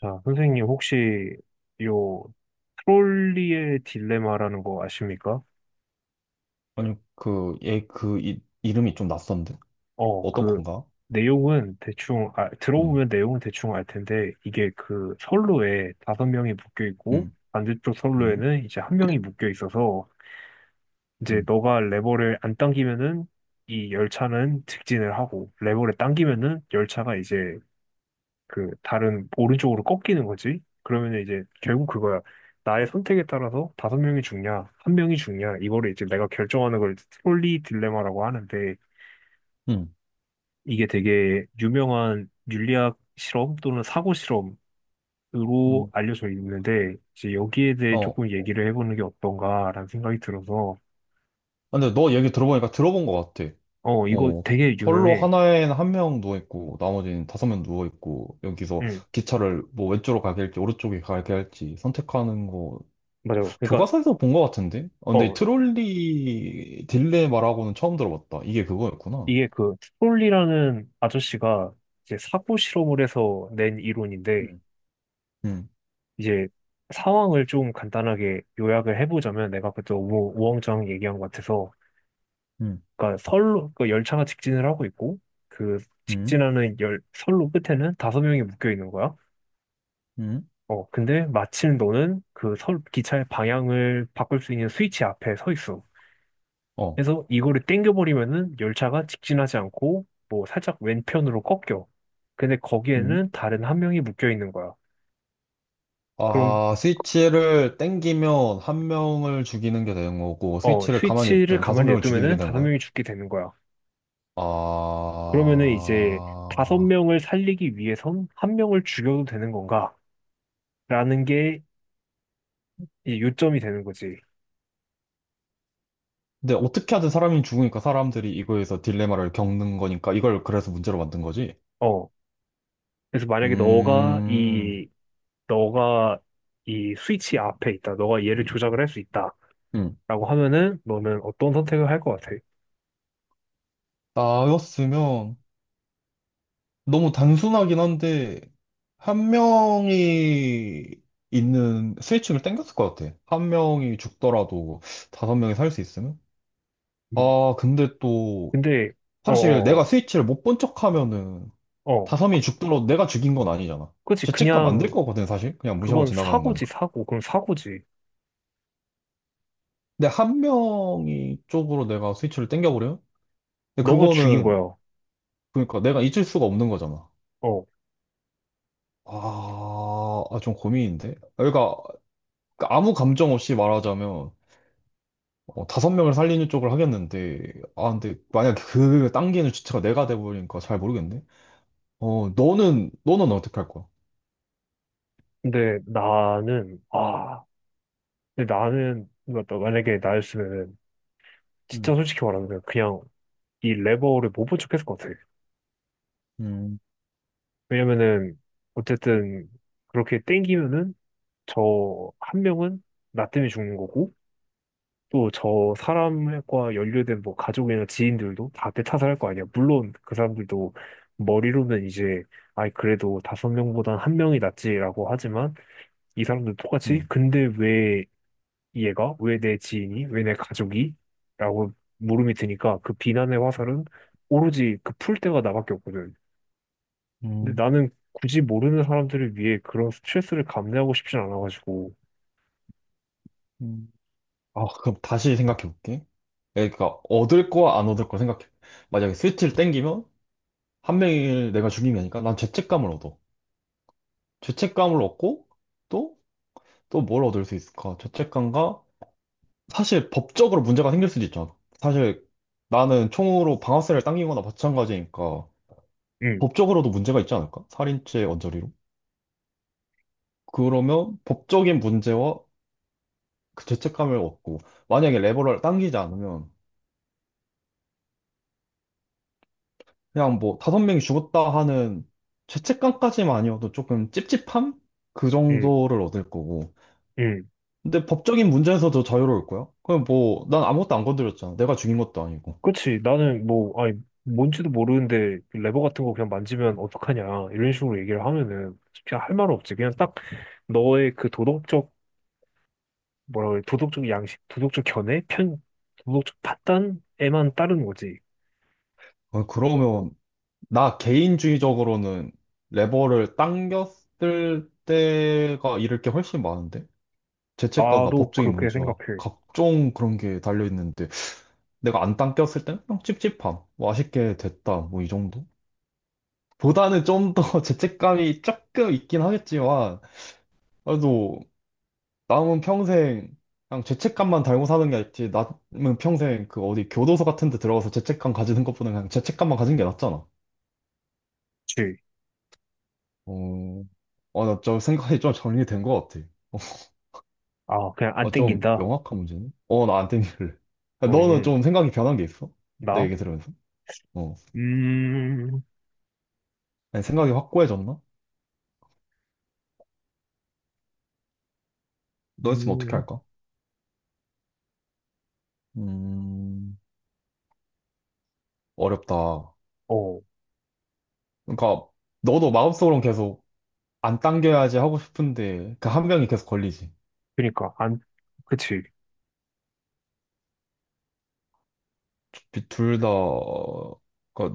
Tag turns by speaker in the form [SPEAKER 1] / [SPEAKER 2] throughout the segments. [SPEAKER 1] 자, 선생님 혹시 요 트롤리의 딜레마라는 거 아십니까?
[SPEAKER 2] 아니, 그, 얘, 그, 이, 이름이 좀 낯선데?
[SPEAKER 1] 어,
[SPEAKER 2] 어떤
[SPEAKER 1] 그
[SPEAKER 2] 건가?
[SPEAKER 1] 내용은 대충
[SPEAKER 2] 음,
[SPEAKER 1] 들어보면 내용은 대충 알 텐데 이게 그 선로에 다섯 명이 묶여 있고
[SPEAKER 2] 음,
[SPEAKER 1] 반대쪽
[SPEAKER 2] 음,
[SPEAKER 1] 선로에는 이제 한 명이 묶여 있어서 이제
[SPEAKER 2] 음,
[SPEAKER 1] 너가 레버를 안 당기면은 이 열차는 직진을 하고 레버를 당기면은 열차가 이제 그 다른 오른쪽으로 꺾이는 거지. 그러면 이제 결국 그거야. 나의 선택에 따라서 다섯 명이 죽냐, 한 명이 죽냐, 이거를 이제 내가 결정하는 걸 트롤리 딜레마라고 하는데
[SPEAKER 2] 음,
[SPEAKER 1] 이게 되게 유명한 윤리학 실험 또는 사고 실험으로
[SPEAKER 2] 음.
[SPEAKER 1] 알려져 있는데 이제 여기에 대해
[SPEAKER 2] 어.
[SPEAKER 1] 조금 얘기를 해보는 게 어떤가라는 생각이 들어서
[SPEAKER 2] 근데 너 얘기 들어보니까 들어본 것 같아.
[SPEAKER 1] 이거
[SPEAKER 2] 어,
[SPEAKER 1] 되게
[SPEAKER 2] 선로
[SPEAKER 1] 유명해.
[SPEAKER 2] 하나에는 한 명 누워있고, 나머지는 다섯 명 누워있고, 여기서
[SPEAKER 1] 응,
[SPEAKER 2] 기차를 뭐 왼쪽으로 가게 할지, 오른쪽에 가게 할지 선택하는 거,
[SPEAKER 1] 맞아요. 그러니까
[SPEAKER 2] 교과서에서 본 것 같은데? 어, 근데
[SPEAKER 1] 어
[SPEAKER 2] 트롤리 딜레마라고는 처음 들어봤다. 이게 그거였구나.
[SPEAKER 1] 이게 그 트롤리라는 아저씨가 이제 사고 실험을 해서 낸 이론인데
[SPEAKER 2] 음. 음,
[SPEAKER 1] 이제 상황을 좀 간단하게 요약을 해보자면 내가 그때 우왕좌 왕 얘기한 것 같아서
[SPEAKER 2] 음,
[SPEAKER 1] 그러니까 선로 그 열차가 직진을 하고 있고 그
[SPEAKER 2] 음,
[SPEAKER 1] 직진하는 열 선로 끝에는 다섯 명이 묶여 있는 거야.
[SPEAKER 2] 음,
[SPEAKER 1] 근데 마침 너는 그 선 기차의 방향을 바꿀 수 있는 스위치 앞에 서 있어.
[SPEAKER 2] 어.
[SPEAKER 1] 그래서 이거를 땡겨버리면은 열차가 직진하지 않고 뭐 살짝 왼편으로 꺾여. 근데
[SPEAKER 2] 음.
[SPEAKER 1] 거기에는 다른 한 명이 묶여 있는 거야. 그럼.
[SPEAKER 2] 아, 스위치를 땡기면 한 명을 죽이는 게 되는 거고, 스위치를 가만히
[SPEAKER 1] 스위치를
[SPEAKER 2] 있든 다섯
[SPEAKER 1] 가만히
[SPEAKER 2] 명을 죽이는 게
[SPEAKER 1] 냅두면은
[SPEAKER 2] 되는
[SPEAKER 1] 다섯
[SPEAKER 2] 거야?
[SPEAKER 1] 명이 죽게 되는 거야. 그러면은 이제 다섯
[SPEAKER 2] 아,
[SPEAKER 1] 명을 살리기 위해선 한 명을 죽여도 되는 건가? 라는 게 이제 요점이 되는 거지.
[SPEAKER 2] 근데 어떻게 하든 사람이 죽으니까 사람들이 이거에서 딜레마를 겪는 거니까 이걸 그래서 문제로 만든 거지?
[SPEAKER 1] 어. 그래서 만약에
[SPEAKER 2] 음,
[SPEAKER 1] 너가 이 스위치 앞에 있다. 너가 얘를 조작을 할 수 있다.
[SPEAKER 2] 음.
[SPEAKER 1] 라고 하면은 너는 어떤 선택을 할 것 같아?
[SPEAKER 2] 나였으면 너무 단순하긴 한데, 한 명이 있는 스위치를 땡겼을 것 같아. 한 명이 죽더라도 다섯 명이 살 수 있으면?
[SPEAKER 1] 음.
[SPEAKER 2] 아, 근데 또
[SPEAKER 1] 근데, 어,
[SPEAKER 2] 사실 내가
[SPEAKER 1] 어,
[SPEAKER 2] 스위치를 못 본 척하면은
[SPEAKER 1] 어. 어.
[SPEAKER 2] 다섬이 죽더라도 내가 죽인 건 아니잖아.
[SPEAKER 1] 그치.
[SPEAKER 2] 죄책감 안 들
[SPEAKER 1] 그냥,
[SPEAKER 2] 거거든 사실. 그냥 무시하고
[SPEAKER 1] 그건
[SPEAKER 2] 지나가는
[SPEAKER 1] 사고지,
[SPEAKER 2] 거니까.
[SPEAKER 1] 사고. 그럼 사고지.
[SPEAKER 2] 근데 한 명이 쪽으로 내가 스위치를 당겨버려요 근데
[SPEAKER 1] 너가 죽인
[SPEAKER 2] 그거는
[SPEAKER 1] 거야.
[SPEAKER 2] 그러니까 내가 잊을 수가 없는 거잖아.
[SPEAKER 1] 어.
[SPEAKER 2] 아, 아, 좀 고민인데. 그러니까 아무 감정 없이 말하자면 어, 다섯 명을 살리는 쪽을 하겠는데 아 근데 만약 그 당기는 주체가 내가 돼버리니까 잘 모르겠네. 어 너는 어떻게 할 거야?
[SPEAKER 1] 근데 나는, 아. 근데 나는, 그러니까 만약에 나였으면 진짜
[SPEAKER 2] 음,
[SPEAKER 1] 솔직히 말하면 그냥 이 레버를 못 본 척했을 것 같아요.
[SPEAKER 2] 음,
[SPEAKER 1] 왜냐면은 어쨌든 그렇게 땡기면은 저 한 명은 나 때문에 죽는 거고 또 저 사람과 연루된 뭐 가족이나 지인들도 다 대타살할 거 아니야. 물론 그 사람들도 머리로는 이제 아이 그래도 다섯 명보단 한 명이 낫지라고 하지만 이 사람들 똑같이
[SPEAKER 2] 음,
[SPEAKER 1] 근데 왜 얘가? 왜 내 지인이? 왜 내 가족이? 라고 물음이 드니까 그 비난의 화살은 오로지 그 풀 때가 나밖에 없거든. 근데
[SPEAKER 2] 음,
[SPEAKER 1] 나는 굳이 모르는 사람들을 위해 그런 스트레스를 감내하고 싶진 않아가지고.
[SPEAKER 2] 음. 아, 그럼 다시 생각해 볼게. 그러니까 얻을 거와 안 얻을 거 생각해. 만약에 스위치를 땡기면 한 명을 내가 죽인 게 아니니까 난 죄책감을 얻어. 죄책감을 얻고 또 또 뭘 얻을 수 있을까? 죄책감과 사실 법적으로 문제가 생길 수도 있잖아. 사실 나는 총으로 방아쇠를 당기거나 마찬가지니까
[SPEAKER 1] 응,
[SPEAKER 2] 법적으로도 문제가 있지 않을까? 살인죄 언저리로. 그러면 법적인 문제와 그 죄책감을 얻고 만약에 레버를 당기지 않으면 그냥 뭐 다섯 명이 죽었다 하는 죄책감까지만 아니어도 조금 찝찝함? 그
[SPEAKER 1] 응,
[SPEAKER 2] 정도를 얻을 거고.
[SPEAKER 1] 응.
[SPEAKER 2] 근데 법적인 문제에서도 자유로울 거야? 그럼 뭐, 난 아무것도 안 건드렸잖아. 내가 죽인 것도 아니고.
[SPEAKER 1] 그치. 나는 뭐, 아니, 뭔지도 모르는데 그 레버 같은 거 그냥 만지면 어떡하냐. 이런 식으로 얘기를 하면은 그냥 할 말은 없지. 그냥 딱 너의 그 도덕적, 뭐라 그래, 도덕적 양식, 도덕적 견해, 편, 도덕적 판단에만 따른 거지.
[SPEAKER 2] 어, 그러면, 나 개인주의적으로는 레버를 당겼을 때가 잃을 게 훨씬 많은데? 죄책감과
[SPEAKER 1] 나도
[SPEAKER 2] 법적인
[SPEAKER 1] 그렇게
[SPEAKER 2] 문제와
[SPEAKER 1] 생각해.
[SPEAKER 2] 각종 그런 게 달려있는데, 내가 안 당겼을 땐 그냥 찝찝함. 뭐 아쉽게 됐다. 뭐 이 정도? 보다는 좀 더 죄책감이 조금 있긴 하겠지만, 그래도 남은 평생 그냥 죄책감만 달고 사는 게 낫지. 남은 평생 그 어디 교도소 같은 데 들어가서 죄책감 가지는 것보다 그냥 죄책감만 가진 게 낫잖아.
[SPEAKER 1] 줄.
[SPEAKER 2] 어, 나좀 생각이 좀 정리된 것 같아.
[SPEAKER 1] 아, 그냥 안
[SPEAKER 2] 어, 좀
[SPEAKER 1] 땡긴다.
[SPEAKER 2] 명확한 문제네. 어, 나 안 땡길래. 너는
[SPEAKER 1] 응,
[SPEAKER 2] 좀 생각이 변한 게 있어? 내
[SPEAKER 1] 나?
[SPEAKER 2] 얘기 들으면서? 어.
[SPEAKER 1] 음,
[SPEAKER 2] 아니, 생각이 확고해졌나? 너 있으면 어떻게
[SPEAKER 1] 음,
[SPEAKER 2] 할까? 음, 어렵다.
[SPEAKER 1] 어,
[SPEAKER 2] 그러니까, 너도 마음속으로는 계속 안 당겨야지 하고 싶은데 그 한 명이 계속 걸리지.
[SPEAKER 1] 그니까, 안, 그치.
[SPEAKER 2] 둘다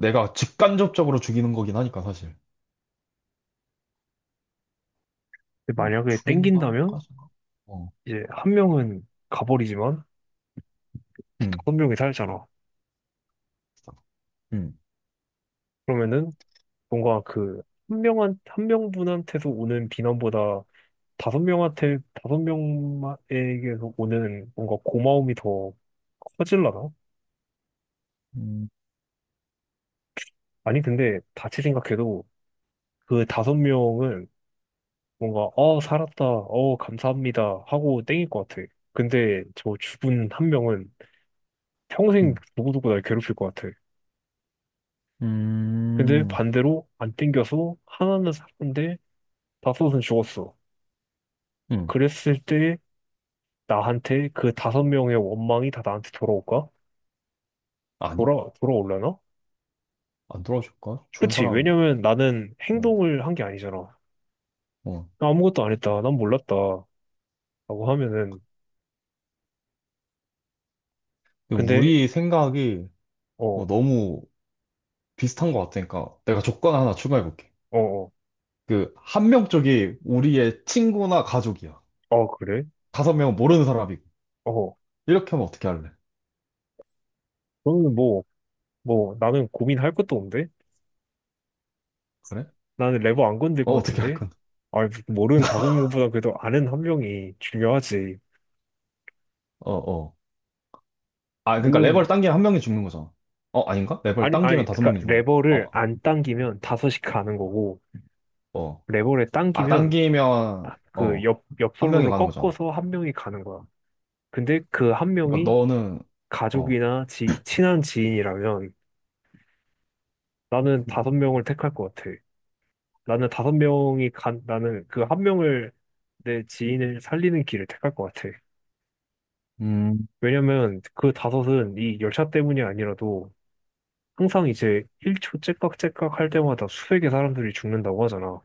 [SPEAKER 2] 내가 직간접적으로 죽이는 거긴 하니까 사실.
[SPEAKER 1] 근데
[SPEAKER 2] 아, 뭐
[SPEAKER 1] 만약에 땡긴다면,
[SPEAKER 2] 죽인다까지는. 어.
[SPEAKER 1] 이제 한 명은 가버리지만,
[SPEAKER 2] 음.
[SPEAKER 1] 다섯 명이 살잖아.
[SPEAKER 2] 음.
[SPEAKER 1] 그러면은, 뭔가 그, 한 명한, 한 명분한테서 오는 비난보다, 다섯 명한테, 다섯 명에게서 오는 뭔가 고마움이 더 커질라나?
[SPEAKER 2] 음.
[SPEAKER 1] 아니, 근데, 다시 생각해도, 그 다섯 명은 뭔가, 아, 살았다. 어, 감사합니다. 하고 땡길 것 같아. 근데 저 죽은 한 명은 평생
[SPEAKER 2] 음.
[SPEAKER 1] 누구누구 날 괴롭힐 것 같아. 근데
[SPEAKER 2] 음.
[SPEAKER 1] 반대로 안 땡겨서 하나는 살았는데 다섯은 죽었어.
[SPEAKER 2] 음.
[SPEAKER 1] 그랬을 때 나한테 그 다섯 명의 원망이 다 나한테 돌아올까?
[SPEAKER 2] 아니?
[SPEAKER 1] 돌아올려나?
[SPEAKER 2] 안 돌아줄까? 죽은
[SPEAKER 1] 그치.
[SPEAKER 2] 사람.
[SPEAKER 1] 왜냐면 나는
[SPEAKER 2] 어.
[SPEAKER 1] 행동을 한 게 아니잖아.
[SPEAKER 2] 어.
[SPEAKER 1] 나 아무것도 안 했다. 난 몰랐다. 라고 하면은.
[SPEAKER 2] 근데
[SPEAKER 1] 근데,
[SPEAKER 2] 우리 생각이 어,
[SPEAKER 1] 어,
[SPEAKER 2] 너무 비슷한 것 같으니까 내가 조건 하나 추가해 볼게.
[SPEAKER 1] 어, 어,
[SPEAKER 2] 그 한 명 쪽이 우리의 친구나 가족이야.
[SPEAKER 1] 어, 그래?
[SPEAKER 2] 다섯 명은 모르는 사람이고.
[SPEAKER 1] 어.
[SPEAKER 2] 이렇게 하면 어떻게 할래?
[SPEAKER 1] 그러면 뭐, 나는 고민할 것도 없는데?
[SPEAKER 2] 그래?
[SPEAKER 1] 나는 레버 안 건들
[SPEAKER 2] 어,
[SPEAKER 1] 것
[SPEAKER 2] 어떻게 할
[SPEAKER 1] 같은데?
[SPEAKER 2] 건?
[SPEAKER 1] 아, 모르는 다섯 명보다 그래도 아는 한 명이 중요하지.
[SPEAKER 2] 어, 어. 아, 그러니까
[SPEAKER 1] 물론,
[SPEAKER 2] 레버를 당기면 한 명이 죽는 거잖아. 어, 아닌가? 레버를
[SPEAKER 1] 아니, 아니,
[SPEAKER 2] 당기면 다섯
[SPEAKER 1] 그러니까
[SPEAKER 2] 명이 죽는
[SPEAKER 1] 레버를
[SPEAKER 2] 어,
[SPEAKER 1] 안 당기면
[SPEAKER 2] 어,
[SPEAKER 1] 다섯이 가는 거고,
[SPEAKER 2] 어.
[SPEAKER 1] 레버를
[SPEAKER 2] 아,
[SPEAKER 1] 당기면
[SPEAKER 2] 당기면,
[SPEAKER 1] 아, 그
[SPEAKER 2] 어, 한 명이
[SPEAKER 1] 옆솔로를
[SPEAKER 2] 가는 거잖아.
[SPEAKER 1] 꺾어서 한 명이 가는 거야. 근데 그 한
[SPEAKER 2] 그러니까
[SPEAKER 1] 명이
[SPEAKER 2] 너는, 어,
[SPEAKER 1] 친한 지인이라면 나는 다섯 명을 택할 것 같아. 나는 다섯 명이 간, 나는 그 한 명을 내 지인을 살리는 길을 택할 것 같아.
[SPEAKER 2] 음,
[SPEAKER 1] 왜냐면 그 다섯은 이 열차 때문이 아니라도 항상 이제 1초 째깍째깍 할 때마다 수백의 사람들이 죽는다고 하잖아.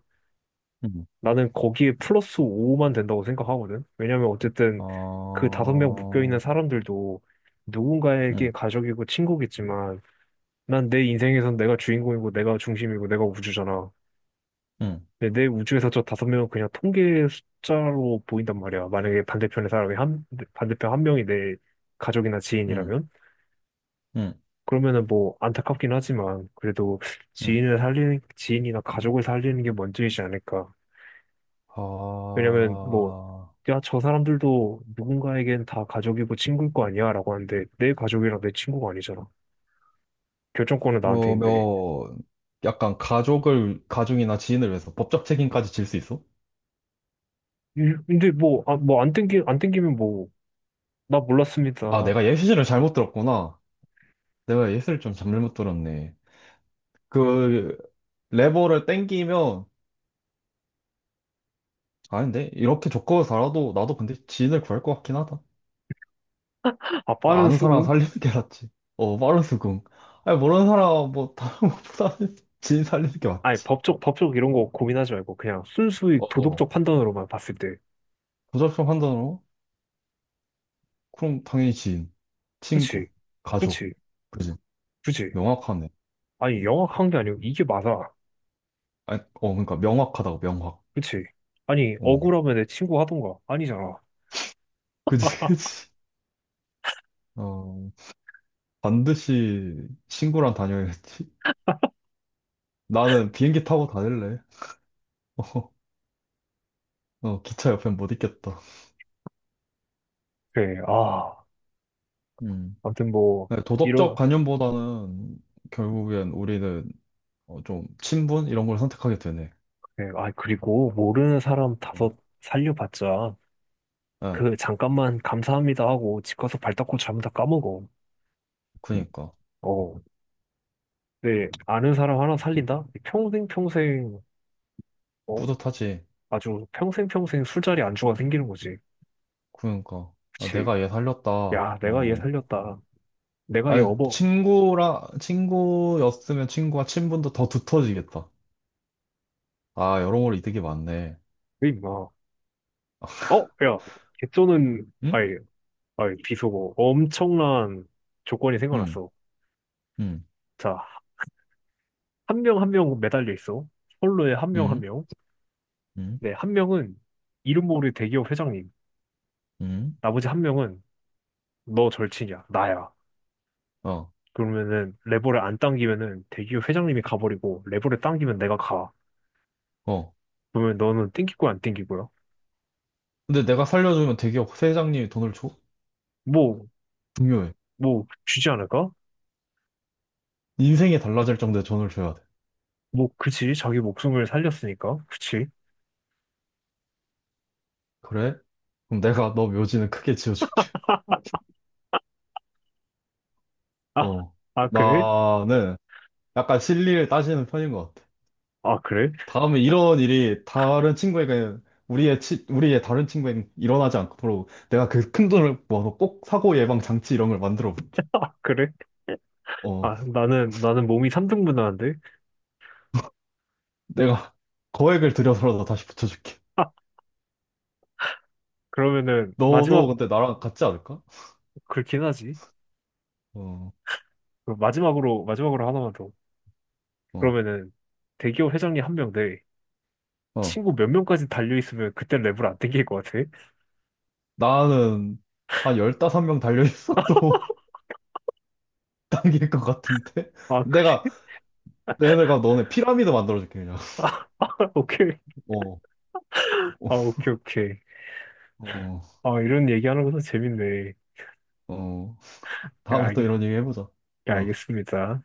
[SPEAKER 2] 음,
[SPEAKER 1] 나는 거기에 플러스 5만 된다고 생각하거든. 왜냐면 어쨌든 그 다섯 명 묶여있는
[SPEAKER 2] 어,
[SPEAKER 1] 사람들도 누군가에게
[SPEAKER 2] 음,
[SPEAKER 1] 가족이고 친구겠지만 난 내 인생에선 내가 주인공이고 내가 중심이고 내가 우주잖아.
[SPEAKER 2] 음,
[SPEAKER 1] 근데 내 우주에서 저 다섯 명은 그냥 통계 숫자로 보인단 말이야. 만약에 반대편의 사람이 한, 반대편 한 명이 내 가족이나
[SPEAKER 2] 음,
[SPEAKER 1] 지인이라면.
[SPEAKER 2] 음,
[SPEAKER 1] 그러면은 뭐 안타깝긴 하지만 그래도
[SPEAKER 2] 음.
[SPEAKER 1] 지인을 살리는 지인이나 가족을 살리는 게 먼저이지 않을까. 왜냐면 뭐
[SPEAKER 2] 아,
[SPEAKER 1] 야, 저 사람들도 누군가에겐 다 가족이고 친구일 거 아니야? 라고 하는데 내 가족이랑 내 친구가 아니잖아. 결정권은 나한테
[SPEAKER 2] 그러면
[SPEAKER 1] 있는데.
[SPEAKER 2] 약간 가족을, 가족이나 지인을 위해서 법적 책임까지 질 수 있어?
[SPEAKER 1] 근데 뭐, 아, 안 땡기면 뭐, 나
[SPEAKER 2] 아,
[SPEAKER 1] 몰랐습니다.
[SPEAKER 2] 내가 예시를 잘못 들었구나. 내가 예시를 좀 잘못 들었네. 그 레버를 땡기면 아닌데 이렇게 조건을 달아도 나도 근데 지인을 구할 것 같긴 하다.
[SPEAKER 1] 아,
[SPEAKER 2] 그러니까
[SPEAKER 1] 빠른
[SPEAKER 2] 아는 사람
[SPEAKER 1] 수긍?
[SPEAKER 2] 살리는 게 낫지. 어 빠른 수긍. 아니 모르는 사람 뭐 다른 것보다는 지인 살리는 게
[SPEAKER 1] 아니,
[SPEAKER 2] 맞지.
[SPEAKER 1] 법적 이런 거 고민하지 말고 그냥 순수히
[SPEAKER 2] 어어.
[SPEAKER 1] 도덕적 판단으로만 봤을 때.
[SPEAKER 2] 조작적 판단으로 그럼 당연히 지인,
[SPEAKER 1] 그치,
[SPEAKER 2] 친구, 가족.
[SPEAKER 1] 그치,
[SPEAKER 2] 그지?
[SPEAKER 1] 그치.
[SPEAKER 2] 명확하네.
[SPEAKER 1] 아니, 영악한 게 아니고 이게 맞아.
[SPEAKER 2] 아니 어 그러니까 명확하다고 명확.
[SPEAKER 1] 그치? 아니,
[SPEAKER 2] 어
[SPEAKER 1] 억울하면 내 친구 하던가. 아니잖아.
[SPEAKER 2] 그지 그지. 어 반드시 친구랑 다녀야겠지. 나는 비행기 타고 다닐래. 어, 어 기차 옆엔 못 있겠다.
[SPEAKER 1] 그래, 아,
[SPEAKER 2] 음.
[SPEAKER 1] 아무튼 뭐,
[SPEAKER 2] 네, 도덕적
[SPEAKER 1] 이런,
[SPEAKER 2] 관념보다는 결국엔 우리는 어, 좀 친분 이런 걸 선택하게 되네.
[SPEAKER 1] 그래, 아, 그리고 모르는 사람
[SPEAKER 2] 어.
[SPEAKER 1] 다섯 살려봤자,
[SPEAKER 2] 예,
[SPEAKER 1] 그, 잠깐만 감사합니다 하고 집 가서 발 닦고 자면 다 까먹어.
[SPEAKER 2] 그니까
[SPEAKER 1] 어, 네, 아는 사람 하나
[SPEAKER 2] 음,
[SPEAKER 1] 살린다? 평생 평생, 어,
[SPEAKER 2] 뿌듯하지.
[SPEAKER 1] 아주 평생 평생 술자리 안주가 생기는 거지.
[SPEAKER 2] 그니까 아,
[SPEAKER 1] 그치?
[SPEAKER 2] 내가 얘 살렸다.
[SPEAKER 1] 야, 내가 얘
[SPEAKER 2] 어,
[SPEAKER 1] 살렸다. 내가 얘
[SPEAKER 2] 아니
[SPEAKER 1] 업어.
[SPEAKER 2] 친구라 친구였으면 친구와 친분도 더 두터워지겠다. 아 여러모로 이득이 많네.
[SPEAKER 1] 왜 임마. 어, 야, 개쩌는,
[SPEAKER 2] 응?
[SPEAKER 1] 아이, 아이, 비속어. 엄청난 조건이
[SPEAKER 2] 응,
[SPEAKER 1] 생겨났어.
[SPEAKER 2] 응,
[SPEAKER 1] 자, 한 명 한 명 매달려 있어. 선로에 한 명 한
[SPEAKER 2] 응,
[SPEAKER 1] 명.
[SPEAKER 2] 응,
[SPEAKER 1] 네, 한 명은 이름 모를 대기업 회장님.
[SPEAKER 2] 응.
[SPEAKER 1] 나머지 한 명은 너 절친이야. 나야.
[SPEAKER 2] 어,
[SPEAKER 1] 그러면은 레버를 안 당기면은 대기업 회장님이 가버리고 레버를 당기면 내가 가.
[SPEAKER 2] 어.
[SPEAKER 1] 그러면 너는 땡길 거야, 안 땡길 거야?
[SPEAKER 2] 근데 내가 살려주면 대기업 회장님이 돈을 줘?
[SPEAKER 1] 뭐,
[SPEAKER 2] 중요해.
[SPEAKER 1] 주지 않을까?
[SPEAKER 2] 인생이 달라질 정도의 돈을 줘야 돼.
[SPEAKER 1] 뭐, 그치. 자기 목숨을 살렸으니까. 그치.
[SPEAKER 2] 그래? 그럼 내가 너 묘지는 크게 지어줄게.
[SPEAKER 1] 아,
[SPEAKER 2] 어,
[SPEAKER 1] 아, 그래?
[SPEAKER 2] 나는 약간 실리를 따지는 편인 것 같아.
[SPEAKER 1] 아, 그래?
[SPEAKER 2] 다음에 이런 일이 다른 친구에게, 우리의, 치, 우리의 다른 친구에게 일어나지 않도록 내가 그 큰 돈을 모아서 꼭 사고 예방 장치 이런 걸 만들어 볼게.
[SPEAKER 1] 아, 그래?
[SPEAKER 2] 어,
[SPEAKER 1] 아, 나는 몸이 3등분 하는데?
[SPEAKER 2] 내가 거액을 들여서라도 다시 붙여줄게.
[SPEAKER 1] 아, 그러면은
[SPEAKER 2] 너도
[SPEAKER 1] 마지막,
[SPEAKER 2] 근데 나랑 같지 않을까?
[SPEAKER 1] 그렇긴 하지.
[SPEAKER 2] 어,
[SPEAKER 1] 그럼 마지막으로, 마지막으로 하나만 더.
[SPEAKER 2] 어,
[SPEAKER 1] 그러면은, 대기업 회장님 한 명 대
[SPEAKER 2] 어.
[SPEAKER 1] 친구 몇 명까지 달려있으면 그때 랩을 안 땡길 것 같아?
[SPEAKER 2] 나는 한1섯명 달려있어도 당길 것 같은데?
[SPEAKER 1] 아, 그래.
[SPEAKER 2] 내가, 내가 너네 피라미드 만들어줄게, 그냥.
[SPEAKER 1] 아, 오케이.
[SPEAKER 2] 어. 어,
[SPEAKER 1] 아, 오케이, 오케이.
[SPEAKER 2] 어,
[SPEAKER 1] 아, 이런 얘기하는 것도 재밌네.
[SPEAKER 2] 어.
[SPEAKER 1] 예,
[SPEAKER 2] 다음에 또
[SPEAKER 1] 알,
[SPEAKER 2] 이런 얘기 해보자.
[SPEAKER 1] 예,
[SPEAKER 2] 어.
[SPEAKER 1] 알겠습니다.